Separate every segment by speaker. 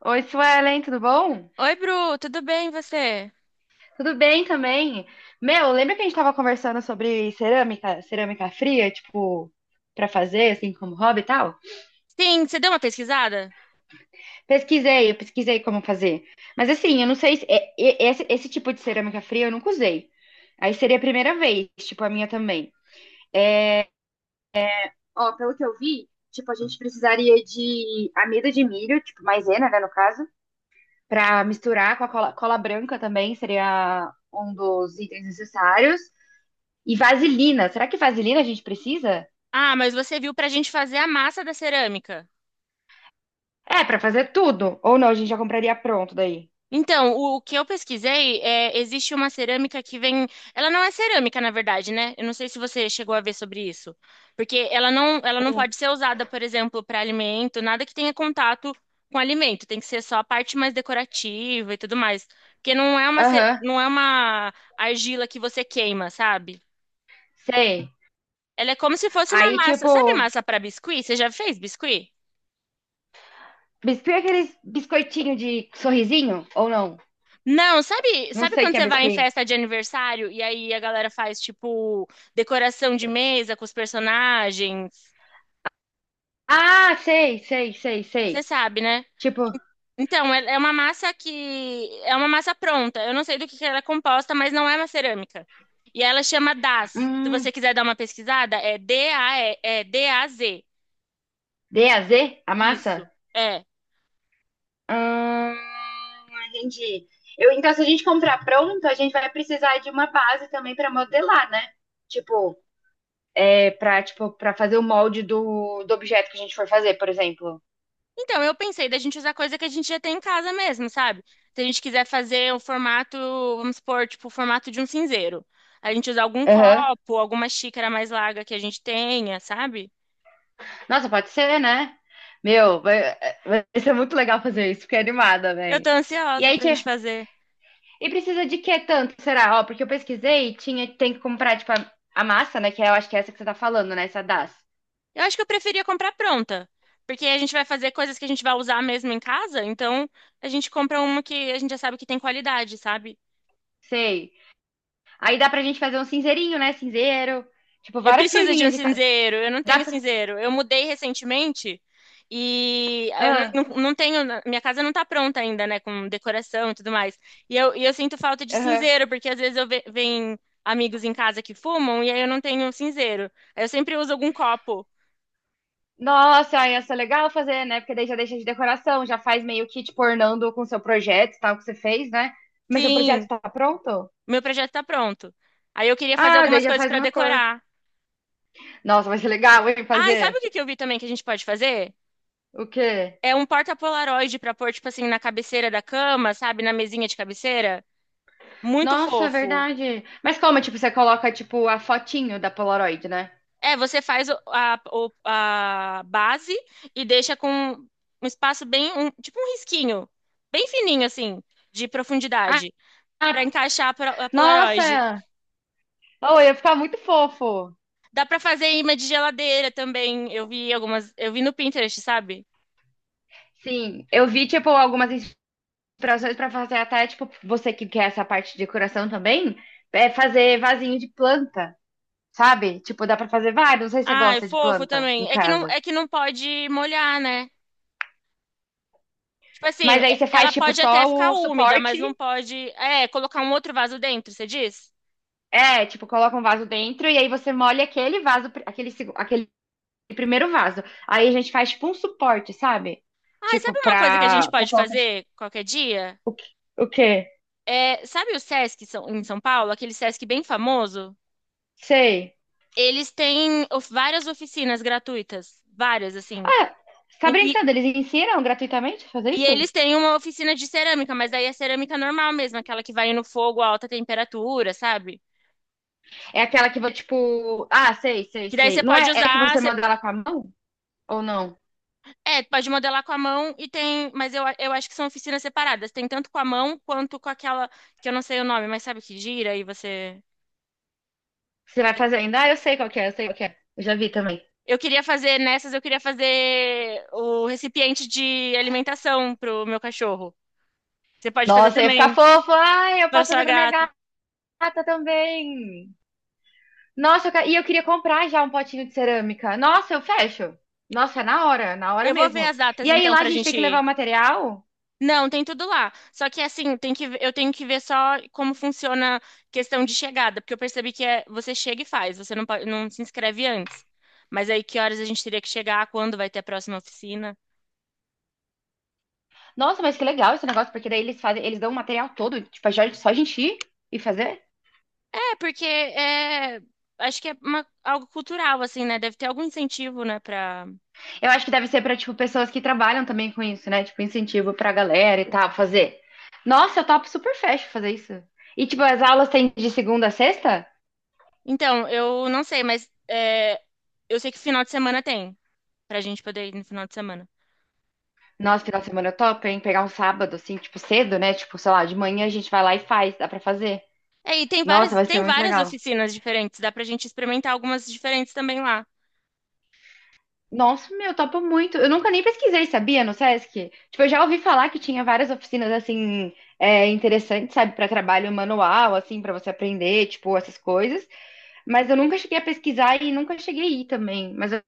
Speaker 1: Oi, Suelen, tudo bom?
Speaker 2: Oi, Bru, tudo bem e você?
Speaker 1: Tudo bem também. Meu, lembra que a gente tava conversando sobre cerâmica, cerâmica fria, tipo, pra fazer, assim, como hobby e tal?
Speaker 2: Sim, você deu uma pesquisada?
Speaker 1: Eu pesquisei como fazer. Mas assim, eu não sei se esse tipo de cerâmica fria eu nunca usei. Aí seria a primeira vez, tipo, a minha também. Ó, pelo que eu vi, tipo, a gente precisaria de amido de milho, tipo, maisena, né, no caso, pra misturar com a cola, cola branca também, seria um dos itens necessários. E vaselina. Será que vaselina a gente precisa?
Speaker 2: Ah, mas você viu para a gente fazer a massa da cerâmica.
Speaker 1: É, pra fazer tudo. Ou não, a gente já compraria pronto daí.
Speaker 2: Então, o que eu pesquisei é, existe uma cerâmica que vem, ela não é cerâmica, na verdade, né? Eu não sei se você chegou a ver sobre isso, porque ela não
Speaker 1: O-
Speaker 2: pode ser usada, por exemplo, para alimento, nada que tenha contato com alimento, tem que ser só a parte mais decorativa e tudo mais, porque não é uma,
Speaker 1: Aham,
Speaker 2: não é uma argila que você queima, sabe?
Speaker 1: sei.
Speaker 2: Ela é como se fosse uma
Speaker 1: Aí,
Speaker 2: massa. Sabe
Speaker 1: tipo,
Speaker 2: massa para biscuit? Você já fez biscuit?
Speaker 1: biscuit é aqueles biscoitinho de sorrisinho? Ou não?
Speaker 2: Não,
Speaker 1: Não
Speaker 2: sabe
Speaker 1: sei o
Speaker 2: quando
Speaker 1: que é
Speaker 2: você vai em
Speaker 1: biscuit.
Speaker 2: festa de aniversário e aí a galera faz tipo decoração de mesa com os personagens?
Speaker 1: Ah, sei, sei, sei,
Speaker 2: Você
Speaker 1: sei.
Speaker 2: sabe, né?
Speaker 1: Tipo,
Speaker 2: Então, é uma massa que é uma massa pronta. Eu não sei do que ela é composta, mas não é uma cerâmica. E ela chama DAZ. Se você
Speaker 1: hum,
Speaker 2: quiser dar uma pesquisada, é D-A-Z.
Speaker 1: DAZ, a massa?
Speaker 2: Isso. É.
Speaker 1: Hum, entendi. Eu, então, se a gente comprar pronto, a gente vai precisar de uma base também pra modelar, né? Tipo, é pra, tipo, pra fazer o molde do objeto que a gente for fazer, por exemplo.
Speaker 2: Então, eu pensei da gente usar coisa que a gente já tem em casa mesmo, sabe? Se a gente quiser fazer um formato, vamos supor, tipo, o formato de um cinzeiro. A gente usar algum
Speaker 1: Aham.
Speaker 2: copo, alguma xícara mais larga que a gente tenha, sabe?
Speaker 1: Nossa, pode ser, né? Meu, vai ser muito legal fazer isso, fiquei animada,
Speaker 2: Eu tô
Speaker 1: velho. E
Speaker 2: ansiosa
Speaker 1: aí,
Speaker 2: pra gente fazer.
Speaker 1: e precisa de que tanto, será? Ó, porque eu pesquisei, tinha, tem que comprar, tipo, a massa, né? Que eu acho que é essa que você tá falando, né? Essa das.
Speaker 2: Eu acho que eu preferia comprar pronta, porque a gente vai fazer coisas que a gente vai usar mesmo em casa, então a gente compra uma que a gente já sabe que tem qualidade, sabe?
Speaker 1: Sei. Aí dá pra gente fazer um cinzeirinho, né? Cinzeiro. Tipo,
Speaker 2: Eu
Speaker 1: várias
Speaker 2: preciso de um
Speaker 1: coisinhas de cada.
Speaker 2: cinzeiro, eu não
Speaker 1: Dá
Speaker 2: tenho
Speaker 1: pra.
Speaker 2: cinzeiro. Eu mudei recentemente e eu não,
Speaker 1: Ah,
Speaker 2: não- não tenho, minha casa não tá pronta ainda, né, com decoração e tudo mais. E eu sinto falta de
Speaker 1: aham.
Speaker 2: cinzeiro, porque às vezes venho amigos em casa que fumam e aí eu não tenho cinzeiro. Aí eu sempre uso algum copo.
Speaker 1: Nossa, aí ia ser legal fazer, né? Porque daí já deixa de decoração, já faz meio que tipo ornando com seu projeto, tal, que você fez, né? Mas seu projeto
Speaker 2: Sim,
Speaker 1: tá pronto?
Speaker 2: meu projeto tá pronto. Aí eu queria fazer
Speaker 1: Ah, daí
Speaker 2: algumas
Speaker 1: já
Speaker 2: coisas
Speaker 1: faz
Speaker 2: pra
Speaker 1: uma cor.
Speaker 2: decorar.
Speaker 1: Nossa, vai ser legal, hein,
Speaker 2: Ah, e sabe
Speaker 1: fazer.
Speaker 2: o que que eu vi também que a gente pode fazer?
Speaker 1: O quê?
Speaker 2: É um porta-polaroid pra pôr, tipo assim, na cabeceira da cama, sabe, na mesinha de cabeceira. Muito
Speaker 1: Nossa, é
Speaker 2: fofo.
Speaker 1: verdade. Mas como, tipo, você coloca, tipo, a fotinho da Polaroid, né?
Speaker 2: É, você faz a base e deixa com um espaço tipo um risquinho, bem fininho assim, de
Speaker 1: Ah,
Speaker 2: profundidade, pra
Speaker 1: ah,
Speaker 2: encaixar a Polaroid.
Speaker 1: nossa! Oh, ia ficar muito fofo.
Speaker 2: Dá pra fazer imã de geladeira também. Eu vi algumas, eu vi no Pinterest, sabe?
Speaker 1: Sim, eu vi, tipo, algumas inspirações pra fazer até, tipo, você que quer essa parte de decoração também, é fazer vasinho de planta. Sabe? Tipo, dá pra fazer vários, não sei se você
Speaker 2: Ah, é
Speaker 1: gosta de
Speaker 2: fofo
Speaker 1: planta em
Speaker 2: também. É que não,
Speaker 1: casa.
Speaker 2: é que não pode molhar, né? Tipo assim,
Speaker 1: Mas aí você
Speaker 2: ela
Speaker 1: faz, tipo,
Speaker 2: pode até
Speaker 1: só
Speaker 2: ficar
Speaker 1: o
Speaker 2: úmida, mas
Speaker 1: suporte,
Speaker 2: não pode, é, colocar um outro vaso dentro, você diz?
Speaker 1: é, tipo, coloca um vaso dentro e aí você molha aquele vaso, aquele, aquele primeiro vaso. Aí a gente faz, tipo, um suporte, sabe?
Speaker 2: Ah, e
Speaker 1: Tipo,
Speaker 2: sabe uma coisa que a gente
Speaker 1: pra
Speaker 2: pode
Speaker 1: colocar...
Speaker 2: fazer qualquer dia?
Speaker 1: O quê? O quê?
Speaker 2: É, sabe o em São Paulo, aquele Sesc bem famoso?
Speaker 1: Sei.
Speaker 2: Eles têm várias oficinas gratuitas, várias, assim.
Speaker 1: Ah, você tá
Speaker 2: E,
Speaker 1: brincando? Eles ensinam gratuitamente a fazer
Speaker 2: e
Speaker 1: isso?
Speaker 2: eles têm uma oficina de cerâmica, mas daí é cerâmica normal mesmo, aquela que vai no fogo a alta temperatura, sabe?
Speaker 1: É aquela que, vai, tipo... Ah, sei, sei,
Speaker 2: Que daí
Speaker 1: sei.
Speaker 2: você
Speaker 1: Não
Speaker 2: pode
Speaker 1: é, é que
Speaker 2: usar,
Speaker 1: você
Speaker 2: você,
Speaker 1: manda ela com a mão? Ou não?
Speaker 2: é, pode modelar com a mão e tem, eu acho que são oficinas separadas. Tem tanto com a mão quanto com aquela, que eu não sei o nome, mas sabe que gira e você.
Speaker 1: Você vai fazer ainda? Ah, eu sei qual que é, eu sei qual que é. Eu já vi também.
Speaker 2: Eu queria fazer nessas, eu queria fazer o recipiente de alimentação pro meu cachorro. Você pode fazer
Speaker 1: Nossa, eu ia ficar
Speaker 2: também
Speaker 1: fofo. Ai, eu
Speaker 2: para
Speaker 1: posso fazer
Speaker 2: sua
Speaker 1: pra minha
Speaker 2: gata.
Speaker 1: gata também. Nossa, eu e eu queria comprar já um potinho de cerâmica. Nossa, eu fecho. Nossa, é na hora
Speaker 2: Eu vou ver
Speaker 1: mesmo.
Speaker 2: as datas
Speaker 1: E aí
Speaker 2: então
Speaker 1: lá a
Speaker 2: pra
Speaker 1: gente tem
Speaker 2: gente
Speaker 1: que levar
Speaker 2: ir.
Speaker 1: o material.
Speaker 2: Não, tem tudo lá. Só que assim, tem que, eu tenho que ver só como funciona a questão de chegada, porque eu percebi que é, você chega e faz, você não, pode- não se inscreve antes. Mas aí que horas a gente teria que chegar, quando vai ter a próxima oficina?
Speaker 1: Nossa, mas que legal esse negócio, porque daí eles fazem, eles dão o material todo, tipo, é só a gente ir e fazer.
Speaker 2: É, acho que é algo cultural, assim, né? Deve ter algum incentivo, né, pra...
Speaker 1: Eu acho que deve ser pra, tipo, pessoas que trabalham também com isso, né? Tipo, incentivo pra galera e tal, fazer. Nossa, eu topo super fecho fazer isso. E, tipo, as aulas têm de segunda a sexta?
Speaker 2: Então, eu não sei, mas é, eu sei que final de semana tem, pra gente poder ir no final de semana.
Speaker 1: Nossa, final de semana top, hein? Pegar um sábado, assim, tipo, cedo, né? Tipo, sei lá, de manhã a gente vai lá e faz, dá pra fazer.
Speaker 2: É, e
Speaker 1: Nossa, vai ser
Speaker 2: tem
Speaker 1: muito
Speaker 2: várias
Speaker 1: legal.
Speaker 2: oficinas diferentes, dá pra gente experimentar algumas diferentes também lá.
Speaker 1: Nossa, meu, topo muito. Eu nunca nem pesquisei, sabia, no Sesc? Tipo, eu já ouvi falar que tinha várias oficinas, assim, é, interessantes, sabe, pra trabalho manual, assim, pra você aprender, tipo, essas coisas. Mas eu nunca cheguei a pesquisar e nunca cheguei a ir também. Mas vai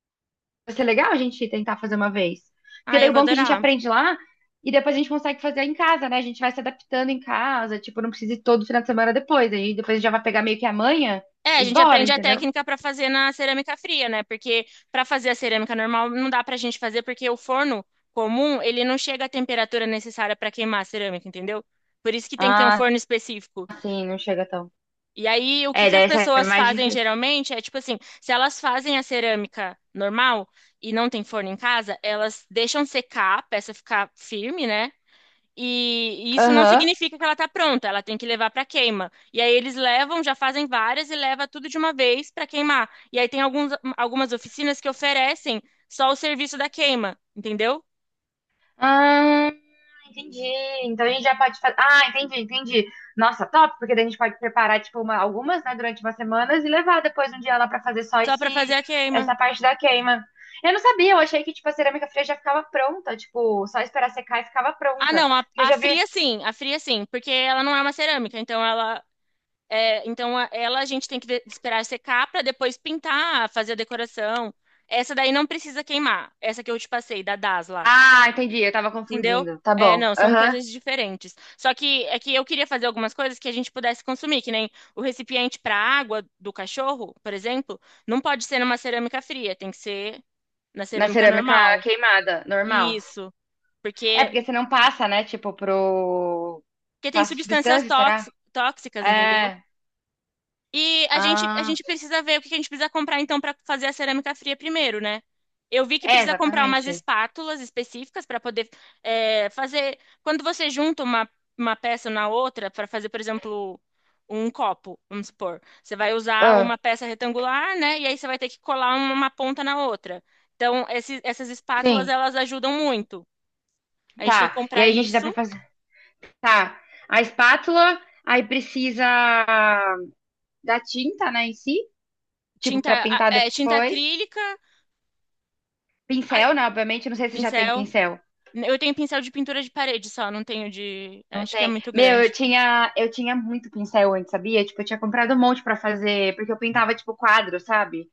Speaker 1: ser legal a gente tentar fazer uma vez. Porque
Speaker 2: Ah,
Speaker 1: daí
Speaker 2: eu
Speaker 1: o
Speaker 2: vou
Speaker 1: bom é que a gente
Speaker 2: adorar.
Speaker 1: aprende lá e depois a gente consegue fazer em casa, né? A gente vai se adaptando em casa, tipo, não precisa ir todo final de semana depois. Aí depois a gente já vai pegar meio que amanhã
Speaker 2: É, a
Speaker 1: e
Speaker 2: gente
Speaker 1: bora,
Speaker 2: aprende a
Speaker 1: entendeu?
Speaker 2: técnica pra fazer na cerâmica fria, né? Porque pra fazer a cerâmica normal não dá pra gente fazer porque o forno comum, ele não chega à temperatura necessária pra queimar a cerâmica, entendeu? Por isso que tem que ter um
Speaker 1: Ah,
Speaker 2: forno específico.
Speaker 1: sim, não chega tão.
Speaker 2: E aí, o que
Speaker 1: É,
Speaker 2: que as
Speaker 1: daí essa é
Speaker 2: pessoas
Speaker 1: mais
Speaker 2: fazem
Speaker 1: difícil.
Speaker 2: geralmente é tipo assim, se elas fazem a cerâmica normal e não tem forno em casa, elas deixam secar a peça ficar firme, né? E isso não
Speaker 1: Aham.
Speaker 2: significa que ela está pronta, ela tem que levar para queima. E aí eles levam, já fazem várias e leva tudo de uma vez para queimar. E aí tem alguns, algumas oficinas que oferecem só o serviço da queima, entendeu?
Speaker 1: Ah, entendi. Então a gente já pode fazer. Ah, entendi, entendi. Nossa, top, porque daí a gente pode preparar, tipo, uma- algumas, né, durante umas semanas e levar depois um dia lá pra fazer só
Speaker 2: Só
Speaker 1: esse,
Speaker 2: para fazer a queima.
Speaker 1: essa parte da queima. Eu não sabia, eu achei que, tipo, a cerâmica fria já ficava pronta, tipo, só esperar secar e ficava
Speaker 2: Ah,
Speaker 1: pronta.
Speaker 2: não,
Speaker 1: Porque eu já vi.
Speaker 2: a fria sim, porque ela não é uma cerâmica, então ela é, então ela a gente tem que esperar secar para depois pintar, fazer a decoração. Essa daí não precisa queimar, essa que eu te passei da Das lá.
Speaker 1: Ah, entendi, eu tava
Speaker 2: Entendeu?
Speaker 1: confundindo. Tá
Speaker 2: É,
Speaker 1: bom.
Speaker 2: não, são
Speaker 1: Aham.
Speaker 2: coisas diferentes. Só que é que eu queria fazer algumas coisas que a gente pudesse consumir, que nem o recipiente para água do cachorro, por exemplo, não pode ser numa cerâmica fria, tem que ser na
Speaker 1: Na
Speaker 2: cerâmica
Speaker 1: cerâmica
Speaker 2: normal.
Speaker 1: queimada, normal.
Speaker 2: Isso,
Speaker 1: É,
Speaker 2: porque
Speaker 1: porque você não passa, né, tipo, pro.
Speaker 2: porque tem
Speaker 1: Passa substância, será?
Speaker 2: tóxicas, entendeu?
Speaker 1: É.
Speaker 2: E a gente, a
Speaker 1: Ah,
Speaker 2: gente precisa ver o que que a gente precisa comprar, então, para fazer a cerâmica fria primeiro, né? Eu vi que
Speaker 1: é,
Speaker 2: precisa comprar umas
Speaker 1: exatamente.
Speaker 2: espátulas específicas para poder é, fazer. Quando você junta uma peça na outra, para fazer, por exemplo, um copo, vamos supor, você vai usar
Speaker 1: Ah,
Speaker 2: uma peça retangular, né? E aí você vai ter que colar uma ponta na outra. Então, esses, essas espátulas,
Speaker 1: sim.
Speaker 2: elas ajudam muito. A gente tem que
Speaker 1: Tá. E
Speaker 2: comprar
Speaker 1: aí a gente dá pra
Speaker 2: isso,
Speaker 1: fazer. Tá. A espátula, aí precisa da tinta, né, em si, tipo, pra pintar
Speaker 2: é, tinta
Speaker 1: depois.
Speaker 2: acrílica, a-
Speaker 1: Pincel, né, obviamente. Eu não sei se já tem
Speaker 2: pincel.
Speaker 1: pincel.
Speaker 2: Eu tenho pincel de pintura de parede só, não tenho de.
Speaker 1: Não
Speaker 2: Acho que é
Speaker 1: tem.
Speaker 2: muito
Speaker 1: Meu, eu
Speaker 2: grande.
Speaker 1: tinha, eu tinha muito pincel antes, sabia? Tipo, eu tinha comprado um monte pra fazer, porque eu pintava, tipo, quadro, sabe?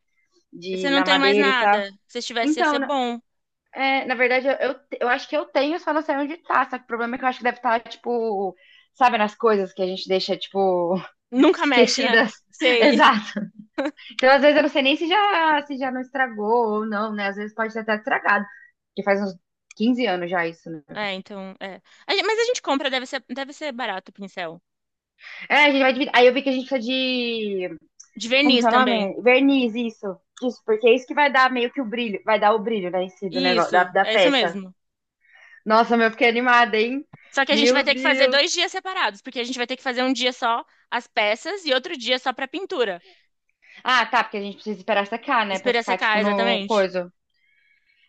Speaker 2: Você
Speaker 1: De,
Speaker 2: não
Speaker 1: na
Speaker 2: tem mais
Speaker 1: madeira e tal.
Speaker 2: nada. Se tivesse, ia ser
Speaker 1: Então,
Speaker 2: bom.
Speaker 1: é, na verdade, eu acho que eu tenho, só não sei onde tá. Só que o problema é que eu acho que deve estar, tipo, sabe, nas coisas que a gente deixa, tipo,
Speaker 2: Nunca mexe, né?
Speaker 1: esquecidas.
Speaker 2: Sei.
Speaker 1: exato Então, às vezes, eu não sei nem se já não estragou ou não, né? Às vezes pode ter até estragado. Porque faz uns 15 anos já isso, né?
Speaker 2: É, então. É. Mas a gente compra, deve ser barato o pincel.
Speaker 1: É, a gente vai dividir. Aí eu vi que a gente precisa de.
Speaker 2: De
Speaker 1: Como que
Speaker 2: verniz
Speaker 1: é o
Speaker 2: também.
Speaker 1: nome? Verniz, isso. Isso, porque é isso que vai dar meio que o brilho. Vai dar o brilho, né? Em si do negócio, da,
Speaker 2: Isso,
Speaker 1: da
Speaker 2: é isso
Speaker 1: peça.
Speaker 2: mesmo.
Speaker 1: Nossa, meu, eu fiquei animada, hein?
Speaker 2: Só que a gente vai
Speaker 1: Meu
Speaker 2: ter que fazer
Speaker 1: Deus.
Speaker 2: 2 dias separados, porque a gente vai ter que fazer um dia só as peças e outro dia só pra pintura.
Speaker 1: Ah, tá, porque a gente precisa esperar secar, né? Pra
Speaker 2: Espera
Speaker 1: ficar,
Speaker 2: secar,
Speaker 1: tipo, no
Speaker 2: exatamente.
Speaker 1: coisa.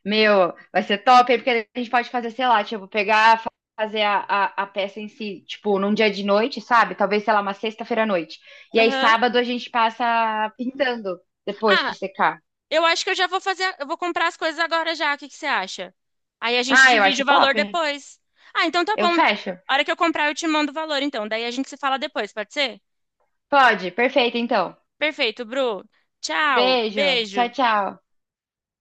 Speaker 1: Meu, vai ser top, hein? Porque a gente pode fazer, sei lá, tipo, pegar, fazer a peça em si, tipo, num dia de noite, sabe? Talvez, sei lá, uma sexta-feira à noite. E aí,
Speaker 2: Aham.
Speaker 1: sábado, a gente passa pintando depois que
Speaker 2: Ah,
Speaker 1: secar.
Speaker 2: eu acho que eu já vou fazer, eu vou comprar as coisas agora já. O que que você acha? Aí a gente
Speaker 1: Ah, eu
Speaker 2: divide
Speaker 1: acho
Speaker 2: o valor
Speaker 1: top.
Speaker 2: depois. Ah, então tá
Speaker 1: Eu
Speaker 2: bom.
Speaker 1: fecho.
Speaker 2: A hora que eu comprar, eu te mando o valor, então. Daí a gente se fala depois, pode ser?
Speaker 1: Pode, perfeito, então.
Speaker 2: Perfeito, Bru. Tchau,
Speaker 1: Beijo. Tchau,
Speaker 2: beijo.
Speaker 1: tchau.